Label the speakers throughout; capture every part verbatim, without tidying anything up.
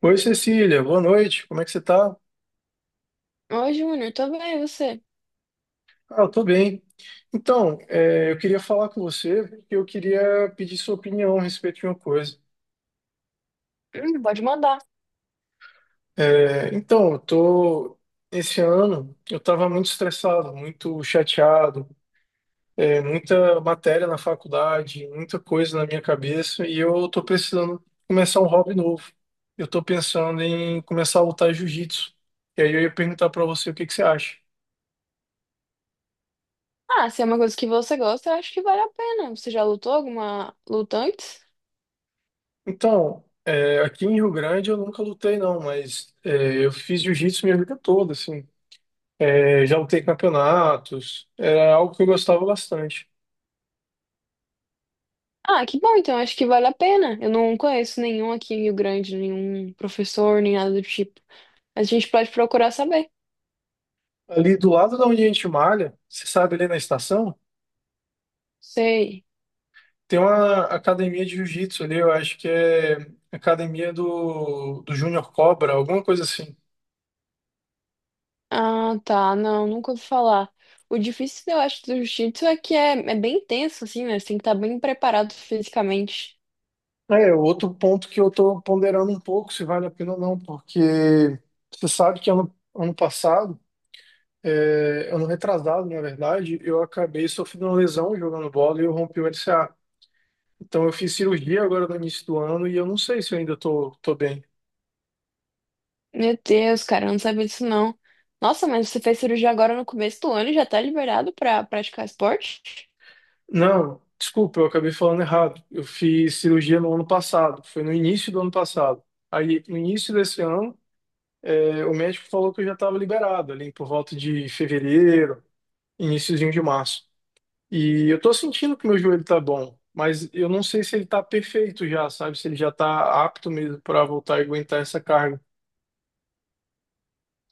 Speaker 1: Oi, Cecília, boa noite. Como é que você tá?
Speaker 2: Oi, Júnior, tô bem, e você?
Speaker 1: Ah, eu tô bem. Então, é, eu queria falar com você porque eu queria pedir sua opinião a respeito de uma coisa.
Speaker 2: Hum, pode mandar.
Speaker 1: É, então, eu tô esse ano eu estava muito estressado, muito chateado, é, muita matéria na faculdade, muita coisa na minha cabeça e eu tô precisando começar um hobby novo. Eu tô pensando em começar a lutar jiu-jitsu. E aí eu ia perguntar para você o que que você acha.
Speaker 2: Ah, se é uma coisa que você gosta, eu acho que vale a pena. Você já lutou alguma luta antes?
Speaker 1: Então, é, aqui em Rio Grande eu nunca lutei não, mas é, eu fiz jiu-jitsu minha vida toda, assim. É, já lutei campeonatos, era algo que eu gostava bastante.
Speaker 2: Ah, que bom, então acho que vale a pena. Eu não conheço nenhum aqui em Rio Grande, nenhum professor, nem nada do tipo. Mas a gente pode procurar saber.
Speaker 1: Ali do lado da onde a gente malha, você sabe, ali na estação,
Speaker 2: Sei.
Speaker 1: tem uma academia de jiu-jitsu ali, eu acho que é academia do, do Júnior Cobra, alguma coisa assim.
Speaker 2: Ah, tá, não, nunca ouvi falar. O difícil, eu acho, do jiu-jitsu é que é, é bem tenso, assim, né? Você tem que estar bem preparado fisicamente.
Speaker 1: É, outro ponto que eu tô ponderando um pouco se vale a pena ou não, porque você sabe que ano, ano passado, É, ano retrasado, na verdade, eu acabei sofrendo uma lesão jogando bola e eu rompi o L C A. Então eu fiz cirurgia agora no início do ano e eu não sei se eu ainda tô, tô bem.
Speaker 2: Meu Deus, cara, eu não sabia disso não. Nossa, mas você fez cirurgia agora no começo do ano e já tá liberado pra praticar esporte?
Speaker 1: Não, desculpa, eu acabei falando errado. Eu fiz cirurgia no ano passado, foi no início do ano passado. Aí, no início desse ano, é, o médico falou que eu já estava liberado, ali por volta de fevereiro, iniciozinho de março. E eu tô sentindo que meu joelho tá bom, mas eu não sei se ele tá perfeito já, sabe? Se ele já tá apto mesmo para voltar e aguentar essa carga.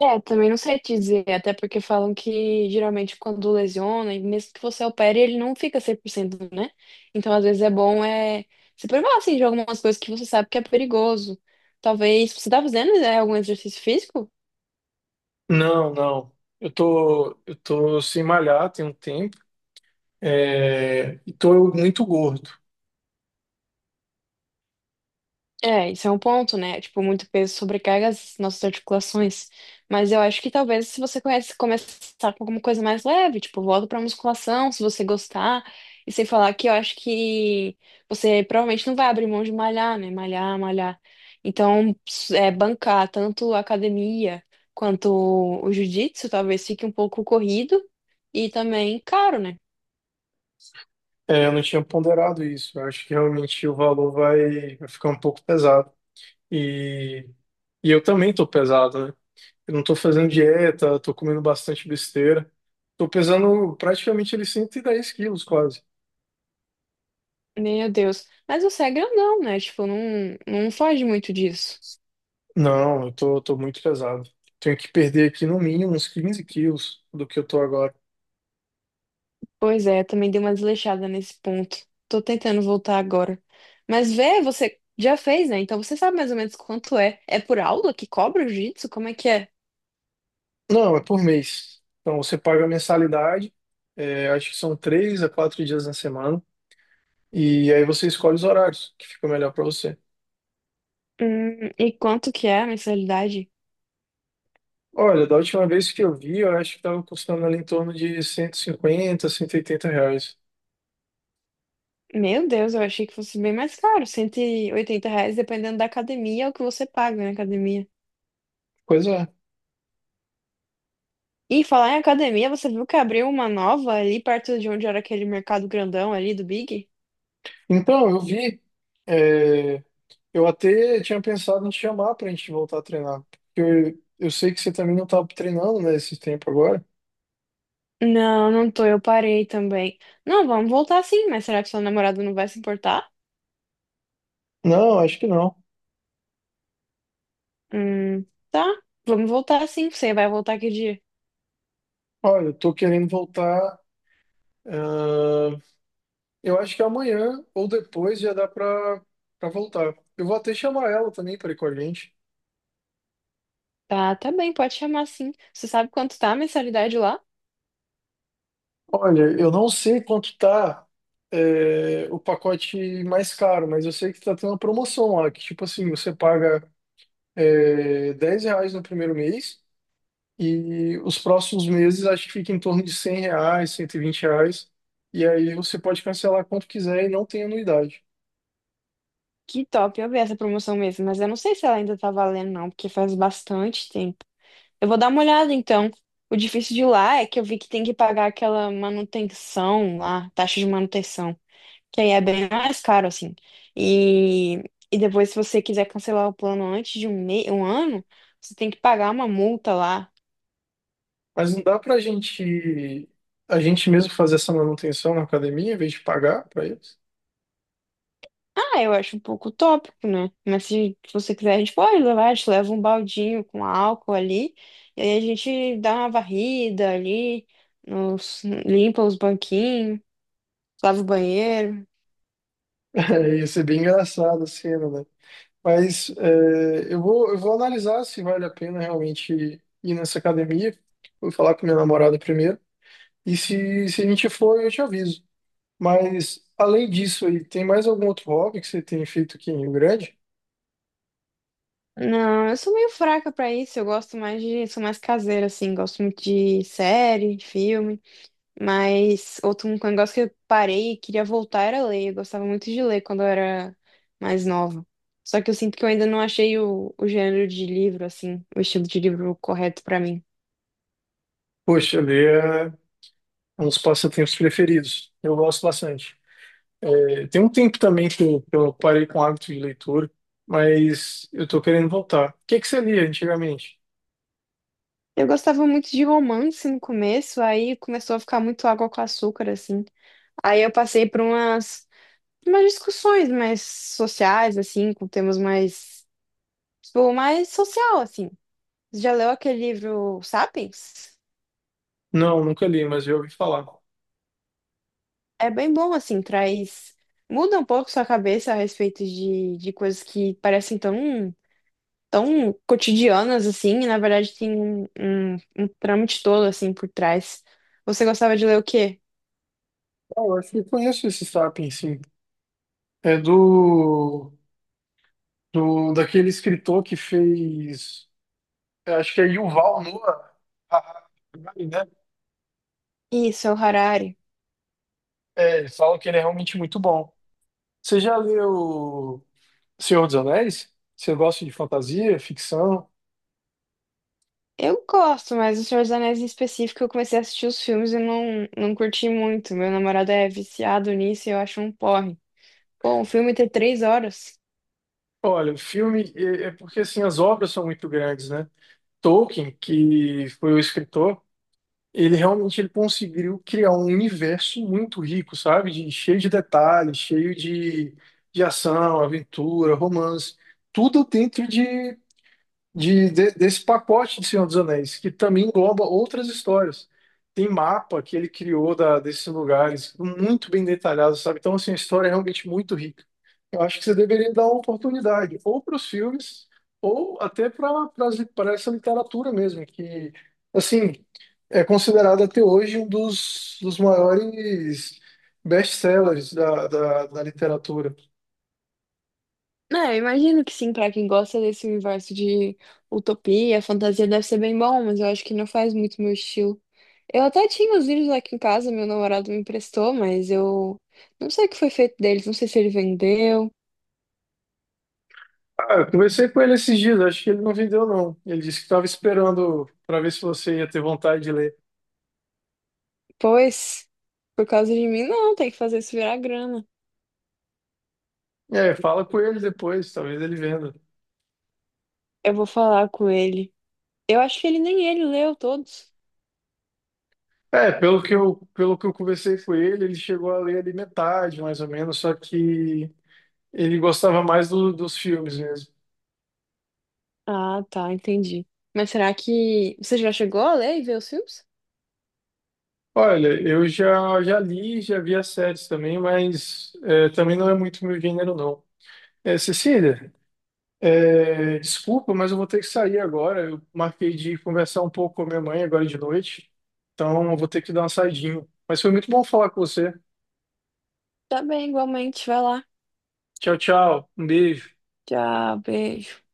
Speaker 2: É, também não sei te dizer, até porque falam que geralmente quando lesiona, e mesmo que você opere, ele não fica cem por cento, né? Então, às vezes é bom é se privar assim de algumas coisas que você sabe que é perigoso. Talvez você tá fazendo, né, algum exercício físico?
Speaker 1: Não, não. Eu tô, eu tô sem malhar tem um tempo, é, e tô muito gordo.
Speaker 2: É, isso é um ponto, né? Tipo, muito peso sobrecarga as nossas articulações. Mas eu acho que talvez se você conhece, começar com alguma coisa mais leve, tipo, volta pra musculação, se você gostar. E sem falar que eu acho que você provavelmente não vai abrir mão de malhar, né? Malhar, malhar. Então, s- é, bancar tanto a academia quanto o jiu-jitsu talvez fique um pouco corrido e também caro, né?
Speaker 1: É, eu não tinha ponderado isso. Eu acho que realmente o valor vai, vai ficar um pouco pesado. E, e eu também tô pesado, né? Eu não tô fazendo dieta, tô comendo bastante besteira. Tô pesando praticamente ele cento e dez quilos quase.
Speaker 2: Meu Deus. Mas você é grandão, né? Tipo, não, não foge muito disso.
Speaker 1: Não, eu tô, tô muito pesado. Tenho que perder aqui no mínimo uns quinze quilos do que eu tô agora.
Speaker 2: Pois é, também dei uma desleixada nesse ponto. Tô tentando voltar agora. Mas vê, você já fez, né? Então você sabe mais ou menos quanto é. É por aula que cobra o jiu-jitsu? Como é que é?
Speaker 1: Não, é por mês. Então você paga a mensalidade, é, acho que são três a quatro dias na semana, e aí você escolhe os horários que ficam melhor para você.
Speaker 2: Hum, e quanto que é a mensalidade?
Speaker 1: Olha, da última vez que eu vi, eu acho que tava custando ali em torno de cento cento e cinquenta, cento e oitenta reais.
Speaker 2: Meu Deus, eu achei que fosse bem mais caro. Cento e oitenta reais, dependendo da academia, é o que você paga na academia.
Speaker 1: Pois é.
Speaker 2: E falar em academia, você viu que abriu uma nova ali perto de onde era aquele mercado grandão ali do Big?
Speaker 1: Então, eu vi, é, eu até tinha pensado em te chamar para a gente voltar a treinar, porque eu, eu sei que você também não estava treinando, né, esse tempo agora.
Speaker 2: Não, não tô, eu parei também. Não, vamos voltar sim, mas será que seu namorado não vai se importar?
Speaker 1: Não, acho que não.
Speaker 2: Hum, tá. Vamos voltar sim. Você vai voltar que dia?
Speaker 1: Olha, eu tô querendo voltar. ah, eu acho que amanhã ou depois já dá pra, pra voltar. Eu vou até chamar ela também para ir com a gente.
Speaker 2: Tá, tá bem, pode chamar sim. Você sabe quanto tá a mensalidade lá?
Speaker 1: Olha, eu não sei quanto tá, é, o pacote mais caro, mas eu sei que tá tendo uma promoção lá, que tipo assim, você paga, é, dez reais no primeiro mês e os próximos meses acho que fica em torno de cem reais, cento e vinte reais. E aí você pode cancelar quanto quiser e não tem anuidade.
Speaker 2: Que top, eu vi essa promoção mesmo, mas eu não sei se ela ainda tá valendo, não, porque faz bastante tempo. Eu vou dar uma olhada então. O difícil de lá é que eu vi que tem que pagar aquela manutenção lá, taxa de manutenção, que aí é bem mais caro, assim. E, e depois, se você quiser cancelar o plano antes de um, me... um ano, você tem que pagar uma multa lá.
Speaker 1: Mas não dá pra gente, a gente mesmo fazer essa manutenção na academia em vez de pagar pra eles?
Speaker 2: Ah, eu acho um pouco utópico, né? Mas se você quiser, a gente pode levar, a gente leva um baldinho com álcool ali, e aí a gente dá uma varrida ali, nos- limpa os banquinhos, lava o banheiro.
Speaker 1: Ia ser bem engraçado a cena, né? Mas é, eu vou, eu vou analisar se vale a pena realmente ir nessa academia. Vou falar com minha namorada primeiro. E se, se a gente for, eu te aviso. Mas além disso aí, tem mais algum outro hobby que você tem feito aqui em Rio Grande?
Speaker 2: Não, eu sou meio fraca pra isso, eu gosto mais de, sou mais caseira, assim, gosto muito de série, de filme. Mas outro um negócio que eu parei e queria voltar era ler. Eu gostava muito de ler quando eu era mais nova. Só que eu sinto que eu ainda não achei o, o gênero de livro, assim, o estilo de livro correto pra mim.
Speaker 1: Poxa, ler é um dos passatempos preferidos. Eu gosto bastante. É, tem um tempo também que eu, que eu parei com o hábito de leitura, mas eu tô querendo voltar. O que que você lia antigamente?
Speaker 2: Eu gostava muito de romance no começo, aí começou a ficar muito água com açúcar, assim. Aí eu passei por umas, umas discussões mais sociais, assim, com temas mais, tipo, mais social, assim. Já leu aquele livro Sapiens?
Speaker 1: Não, nunca li, mas eu ouvi falar.
Speaker 2: É bem bom, assim, traz. Muda um pouco sua cabeça a respeito de, de coisas que parecem tão, tão cotidianas, assim, e na verdade tem um, um, um trâmite todo, assim, por trás. Você gostava de ler o quê?
Speaker 1: Ah, eu acho que eu conheço esse Sapiens, sim. É do, do daquele escritor que fez, eu acho que é Yuval Noah Harari, né?
Speaker 2: Isso, é o Harari.
Speaker 1: É, eles falam que ele é realmente muito bom. Você já leu Senhor dos Anéis? Você gosta de fantasia, ficção?
Speaker 2: Eu gosto, mas O Senhor dos Anéis em específico, eu comecei a assistir os filmes e não, não curti muito. Meu namorado é viciado nisso e eu acho um porre. Bom, o filme tem três horas.
Speaker 1: Olha, o filme é é porque assim as obras são muito grandes, né? Tolkien, que foi o escritor, ele realmente, ele conseguiu criar um universo muito rico, sabe? De- cheio de detalhes, cheio de, de ação, aventura, romance, tudo dentro de de, de- desse pacote de Senhor dos Anéis, que também engloba outras histórias. Tem mapa que ele criou da, desses lugares, muito bem detalhado, sabe? Então, assim, a história é realmente muito rica. Eu acho que você deveria dar uma oportunidade, ou para os filmes, ou até para essa literatura mesmo, que, assim, é considerada até hoje um dos, dos maiores best-sellers da, da da literatura.
Speaker 2: É, eu imagino que sim, pra quem gosta desse universo de utopia, fantasia, deve ser bem bom, mas eu acho que não faz muito meu estilo. Eu até tinha os livros aqui em casa, meu namorado me emprestou, mas eu não sei o que foi feito deles, não sei se ele vendeu.
Speaker 1: Ah, eu conversei com ele esses dias, acho que ele não vendeu, não. Ele disse que estava esperando para ver se você ia ter vontade de ler.
Speaker 2: Pois, por causa de mim, não, tem que fazer isso virar grana.
Speaker 1: É, fala com ele depois, talvez ele venda.
Speaker 2: Eu vou falar com ele. Eu acho que ele nem ele leu todos.
Speaker 1: É, pelo que eu, pelo que eu conversei com ele, ele chegou a ler ali metade, mais ou menos, só que ele gostava mais do- dos filmes mesmo.
Speaker 2: Ah, tá, entendi. Mas será que você já chegou a ler e ver os filmes?
Speaker 1: Olha, eu já, já li, já vi as séries também, mas é, também não é muito meu gênero, não. É, Cecília, É, desculpa, mas eu vou ter que sair agora. Eu marquei de conversar um pouco com a minha mãe agora de noite. Então, eu vou ter que dar uma saidinha. Mas foi muito bom falar com você.
Speaker 2: Tá bem, igualmente, vai lá.
Speaker 1: Tchau, tchau. Um beijo.
Speaker 2: Tchau, beijo.